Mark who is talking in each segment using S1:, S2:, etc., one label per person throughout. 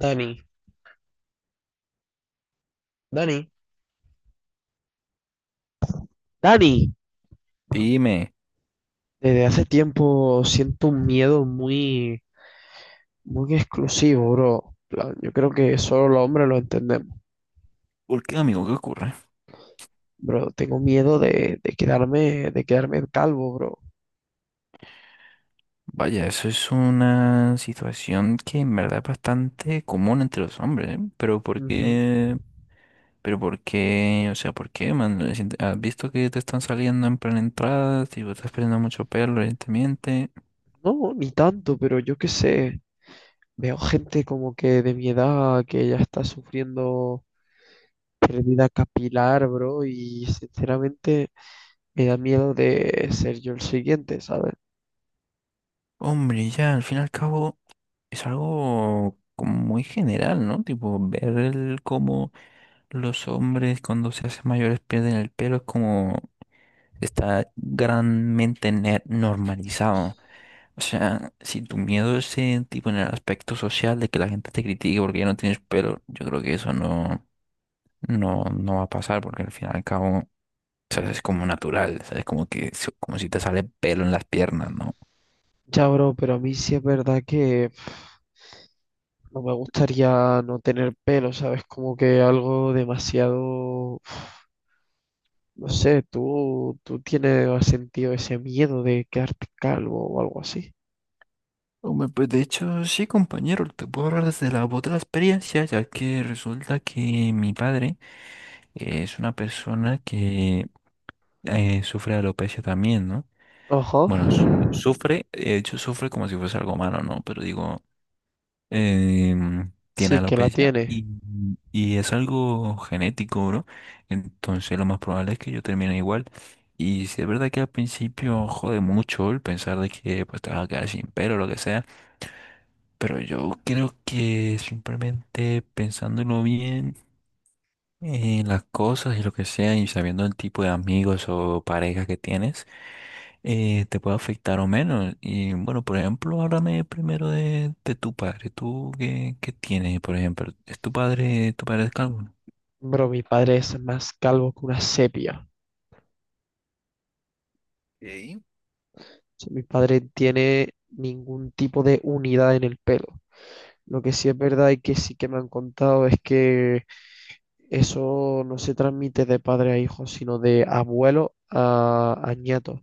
S1: Dani, Dani, Dani,
S2: Dime,
S1: desde hace tiempo siento un miedo muy exclusivo, bro. En plan, yo creo que solo los hombres lo entendemos,
S2: ¿por qué, amigo? ¿Qué ocurre?
S1: bro. Tengo miedo de quedarme calvo, bro.
S2: Vaya, eso es una situación que en verdad es bastante común entre los hombres, ¿eh? Pero ¿por
S1: Ujú.
S2: qué? Pero ¿por qué? O sea, ¿por qué, man? Es ¿Has visto que te están saliendo en plan entradas? Tipo, estás perdiendo mucho pelo, evidentemente.
S1: No, ni tanto, pero yo qué sé. Veo gente como que de mi edad que ya está sufriendo pérdida capilar, bro, y sinceramente me da miedo de ser yo el siguiente, ¿sabes?
S2: Hombre, ya, al fin y al cabo, es algo como muy general, ¿no? Tipo, ver el cómo los hombres cuando se hacen mayores pierden el pelo es como... Está granmente normalizado. O sea, si tu miedo es en, tipo en el aspecto social de que la gente te critique porque ya no tienes pelo, yo creo que eso no va a pasar porque al fin y al cabo, ¿sabes? Es como natural, ¿sabes? Como que, es como si te sale pelo en las piernas, ¿no?
S1: Ya, bro, pero a mí sí es verdad que no me gustaría no tener pelo, ¿sabes? Como que algo demasiado... No sé, tú tienes, ¿has sentido ese miedo de quedarte calvo o algo así?
S2: Hombre, pues de hecho, sí, compañero, te puedo hablar desde la voz de la experiencia, ya que resulta que mi padre es una persona que sufre de alopecia también, ¿no?
S1: Ojo.
S2: Bueno, sufre, de hecho, sufre como si fuese algo malo, ¿no? Pero digo... tiene
S1: Sí que la
S2: alopecia
S1: tiene.
S2: y es algo genético, bro. Entonces lo más probable es que yo termine igual. Y si es verdad que al principio jode mucho el pensar de que pues te vas a quedar sin pelo o lo que sea, pero yo creo que simplemente pensándolo bien en las cosas y lo que sea y sabiendo el tipo de amigos o parejas que tienes, te puede afectar o menos. Y bueno, por ejemplo, háblame primero de tu padre. ¿Tú qué, qué tienes, por ejemplo? ¿Es tu padre es calvo?
S1: Bro, mi padre es más calvo que una sepia.
S2: Ok.
S1: O sea, mi padre tiene ningún tipo de unidad en el pelo. Lo que sí es verdad y que sí que me han contado es que eso no se transmite de padre a hijo, sino de abuelo a nieto.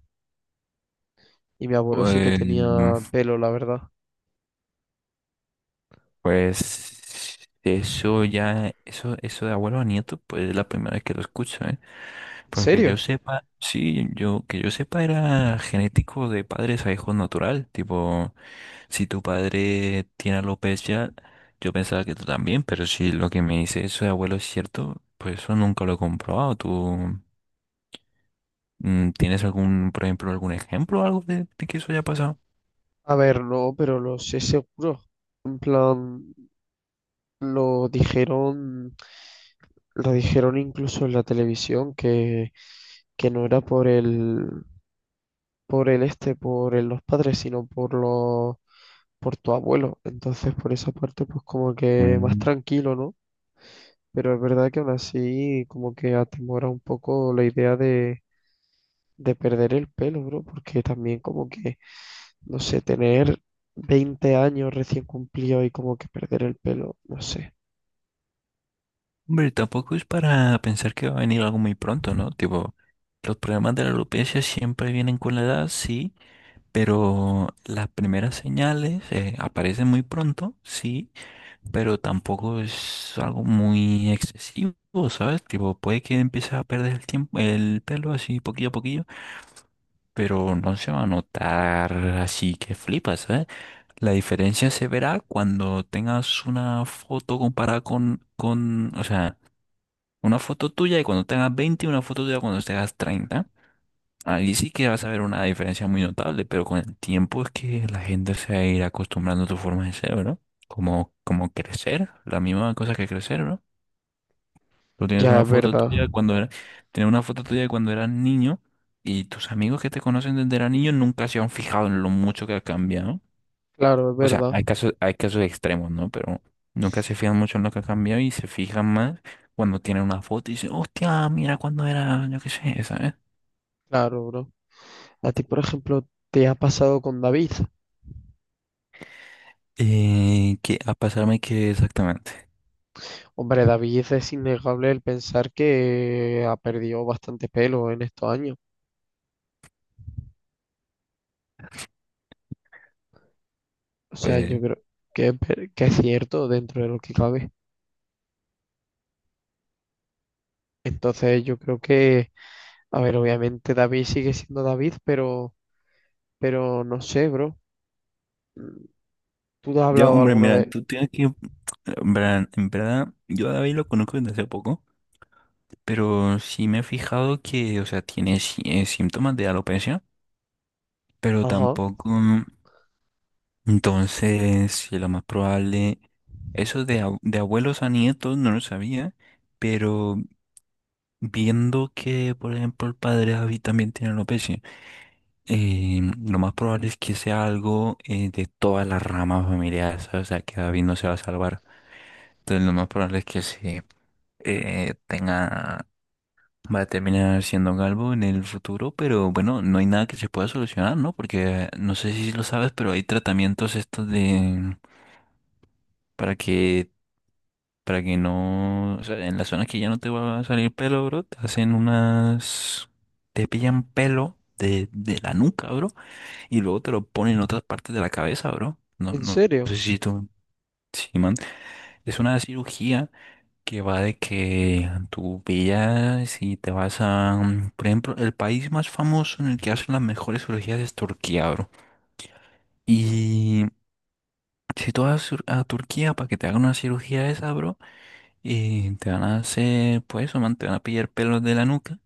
S1: Y mi abuelo
S2: O,
S1: sí que
S2: eh,
S1: tenía
S2: Eh,
S1: pelo, la verdad.
S2: Pues eso ya, eso de abuelo a nieto, pues es la primera vez que lo escucho, ¿eh?
S1: ¿En
S2: Porque yo
S1: serio?
S2: sepa, sí, yo, que yo sepa era genético de padres a hijos natural, tipo, si tu padre tiene alopecia, yo pensaba que tú también, pero si lo que me dice eso de abuelo es cierto, pues eso nunca lo he comprobado. ¿Tú tienes algún, por ejemplo, algún ejemplo o algo de que eso haya pasado?
S1: A ver, no, pero lo sé seguro. En plan, lo dijeron, lo dijeron incluso en la televisión que no era por el este, por el- los padres, sino por tu abuelo. Entonces, por esa parte, pues como que más
S2: Mm.
S1: tranquilo, ¿no? Pero es verdad que aún así, como que atemora un poco la idea de perder el pelo, bro, porque también como que no sé, tener 20 años recién cumplido y como que perder el pelo, no sé.
S2: Hombre, tampoco es para pensar que va a venir algo muy pronto, ¿no? Tipo, los problemas de la alopecia siempre vienen con la edad, sí, pero las primeras señales aparecen muy pronto, sí, pero tampoco es algo muy excesivo, ¿sabes? Tipo, puede que empieces a perder el tiempo, el pelo así poquillo a poquillo, pero no se va a notar así que flipas, ¿sabes? La diferencia se verá cuando tengas una foto comparada con, o sea, una foto tuya de cuando tengas 20 y una foto tuya cuando tengas treinta. Ahí sí que vas a ver una diferencia muy notable, pero con el tiempo es que la gente se va a ir acostumbrando a tu forma de ser, ¿no? Como, como crecer, la misma cosa que crecer, ¿no? Tú tienes
S1: Ya,
S2: una
S1: es
S2: foto
S1: verdad.
S2: tuya de cuando era, tienes una foto tuya de cuando eras niño y tus amigos que te conocen desde era niño nunca se han fijado en lo mucho que ha cambiado.
S1: Claro, es
S2: O sea,
S1: verdad.
S2: hay casos extremos, ¿no? Pero nunca se fijan mucho en lo que ha cambiado y se fijan más cuando tienen una foto y dicen, hostia, mira cuando era, yo qué sé, ¿sabes?
S1: Claro, bro. A ti, por ejemplo, te ha pasado con David.
S2: ¿Qué a pasarme qué exactamente?
S1: Hombre, David, es innegable el pensar que ha perdido bastante pelo en estos años. O sea, yo
S2: Pues,
S1: creo que es cierto dentro de lo que cabe. Entonces, yo creo a ver, obviamente David sigue siendo David, pero no sé, bro. ¿Tú te has
S2: ya,
S1: hablado
S2: hombre,
S1: alguna
S2: mira,
S1: vez?
S2: tú tienes que, en verdad, yo a David lo conozco desde hace poco, pero sí me he fijado que, o sea, tiene síntomas de alopecia, pero
S1: Ajá.
S2: tampoco. Entonces, sí, lo más probable, eso de de abuelos a nietos no lo sabía, pero viendo que, por ejemplo, el padre David también tiene alopecia, eh, lo más probable es que sea algo de todas las ramas familiares, ¿sabes? O sea, que David no se va a salvar. Entonces, lo más probable es que sí eh, tenga, va a terminar siendo galvo en el futuro, pero bueno, no hay nada que se pueda solucionar, ¿no? Porque no sé si lo sabes, pero hay tratamientos estos de para que... Para que no, o sea, en las zonas que ya no te va a salir pelo, bro, te hacen unas, te pillan pelo de la nuca, bro, y luego te lo ponen en otras partes de la cabeza, bro.
S1: ¿En
S2: No sé
S1: serio?
S2: si tú, sí, man. Es una cirugía que va de que tú pillas y te vas a, por ejemplo, el país más famoso en el que hacen las mejores cirugías es Turquía, bro. Y si tú vas a a Turquía para que te hagan una cirugía de esa, bro, y te van a hacer, pues eso, man, te van a pillar pelos de la nuca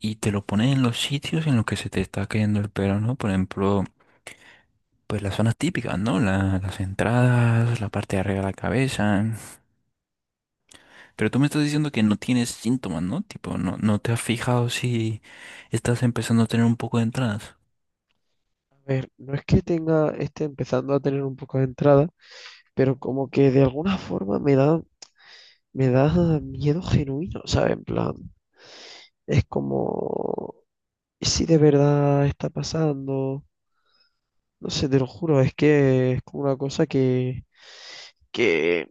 S2: y te lo pones en los sitios en los que se te está cayendo el pelo, ¿no? Por ejemplo, pues las zonas típicas, ¿no? Las entradas, la parte de arriba de la cabeza. Pero tú me estás diciendo que no tienes síntomas, ¿no? Tipo, no te has fijado si estás empezando a tener un poco de entradas.
S1: A ver, no es que tenga, esté empezando a tener un poco de entrada, pero como que de alguna forma me da miedo genuino, ¿sabes? En plan, es como, ¿y si de verdad está pasando? No sé, te lo juro, es que es como una cosa que,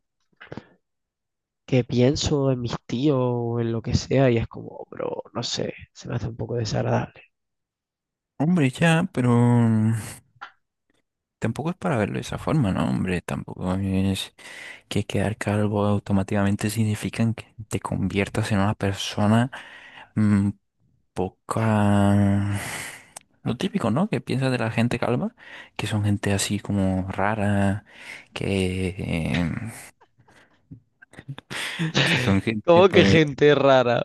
S1: que pienso en mis tíos o en lo que sea y es como, bro, no sé, se me hace un poco desagradable.
S2: Hombre, ya, pero tampoco es para verlo de esa forma, ¿no? Hombre, tampoco es que quedar calvo automáticamente significa que te conviertas en una persona mm, poca... Lo típico, ¿no? Que piensas de la gente calva, que son gente así como rara, que, que son gente,
S1: ¿Cómo que
S2: pues,
S1: gente rara?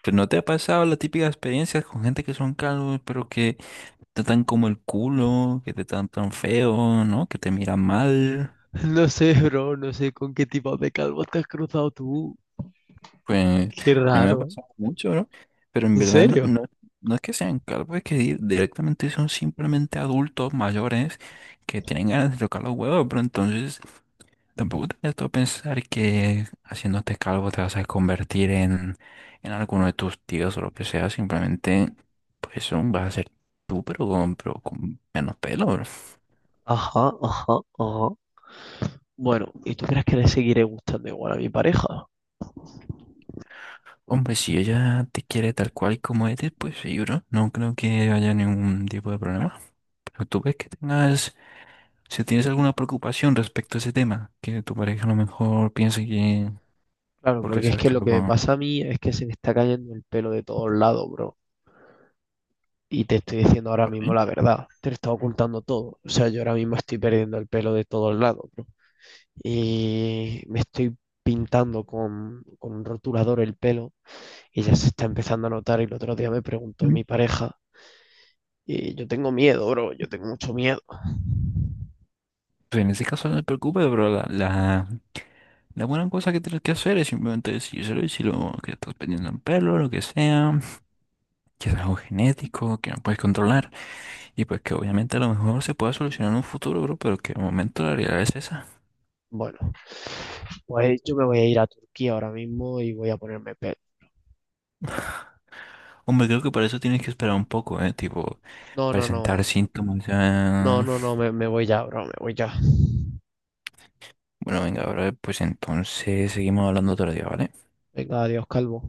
S2: pues, ¿no te ha pasado la típica experiencia con gente que son calvos, pero que te tratan como el culo, que te tratan tan feo, ¿no? Que te miran mal.
S1: No sé, bro, no sé con qué tipo de calvo te has cruzado tú.
S2: Pues
S1: Qué
S2: a mí me ha
S1: raro.
S2: pasado mucho, ¿no? Pero en
S1: ¿En
S2: verdad
S1: serio?
S2: no es que sean calvos, es que directamente son simplemente adultos mayores que tienen ganas de tocar los huevos, pero entonces tampoco te metas a pensar que haciéndote calvo te vas a convertir en alguno de tus tíos o lo que sea. Simplemente, pues, vas a ser tú, pero con menos pelo, bro.
S1: Ajá, ajá, ajá. Bueno, ¿y tú crees que le seguiré gustando igual a mi pareja?
S2: Hombre, si ella te quiere tal cual y como eres, pues sí, bro. No creo que haya ningún tipo de problema. Pero tú ves que tengas, si tienes alguna preocupación respecto a ese tema, que tu pareja a lo mejor piense que
S1: Claro,
S2: porque
S1: porque es
S2: seas
S1: que lo que me
S2: calvo,
S1: pasa a mí es que se me está cayendo el pelo de todos lados, bro. Y te estoy diciendo ahora
S2: por
S1: mismo
S2: mí.
S1: la verdad. Te lo está ocultando todo. O sea, yo ahora mismo estoy perdiendo el pelo de todos lados, bro. Y me estoy pintando con un rotulador el pelo y ya se está empezando a notar. Y el otro día me preguntó
S2: Mm.
S1: mi pareja y yo tengo miedo, bro. Yo tengo mucho miedo.
S2: Pues en ese caso no te preocupes, bro. La buena cosa que tienes que hacer es simplemente decírselo y si lo que estás perdiendo en pelo, lo que sea, que es algo genético, que no puedes controlar y pues que obviamente a lo mejor se pueda solucionar en un futuro, bro, pero que de momento la realidad es esa.
S1: Bueno, pues yo me voy a ir a Turquía ahora mismo y voy a ponerme pet.
S2: Hombre, creo que para eso tienes que esperar un poco, ¿eh? Tipo,
S1: No, no,
S2: presentar
S1: no,
S2: síntomas.
S1: no,
S2: Ah.
S1: no, no, me voy ya, bro, me voy ya.
S2: Bueno, venga, bro, pues entonces seguimos hablando otro día, ¿vale?
S1: Venga, adiós, calvo.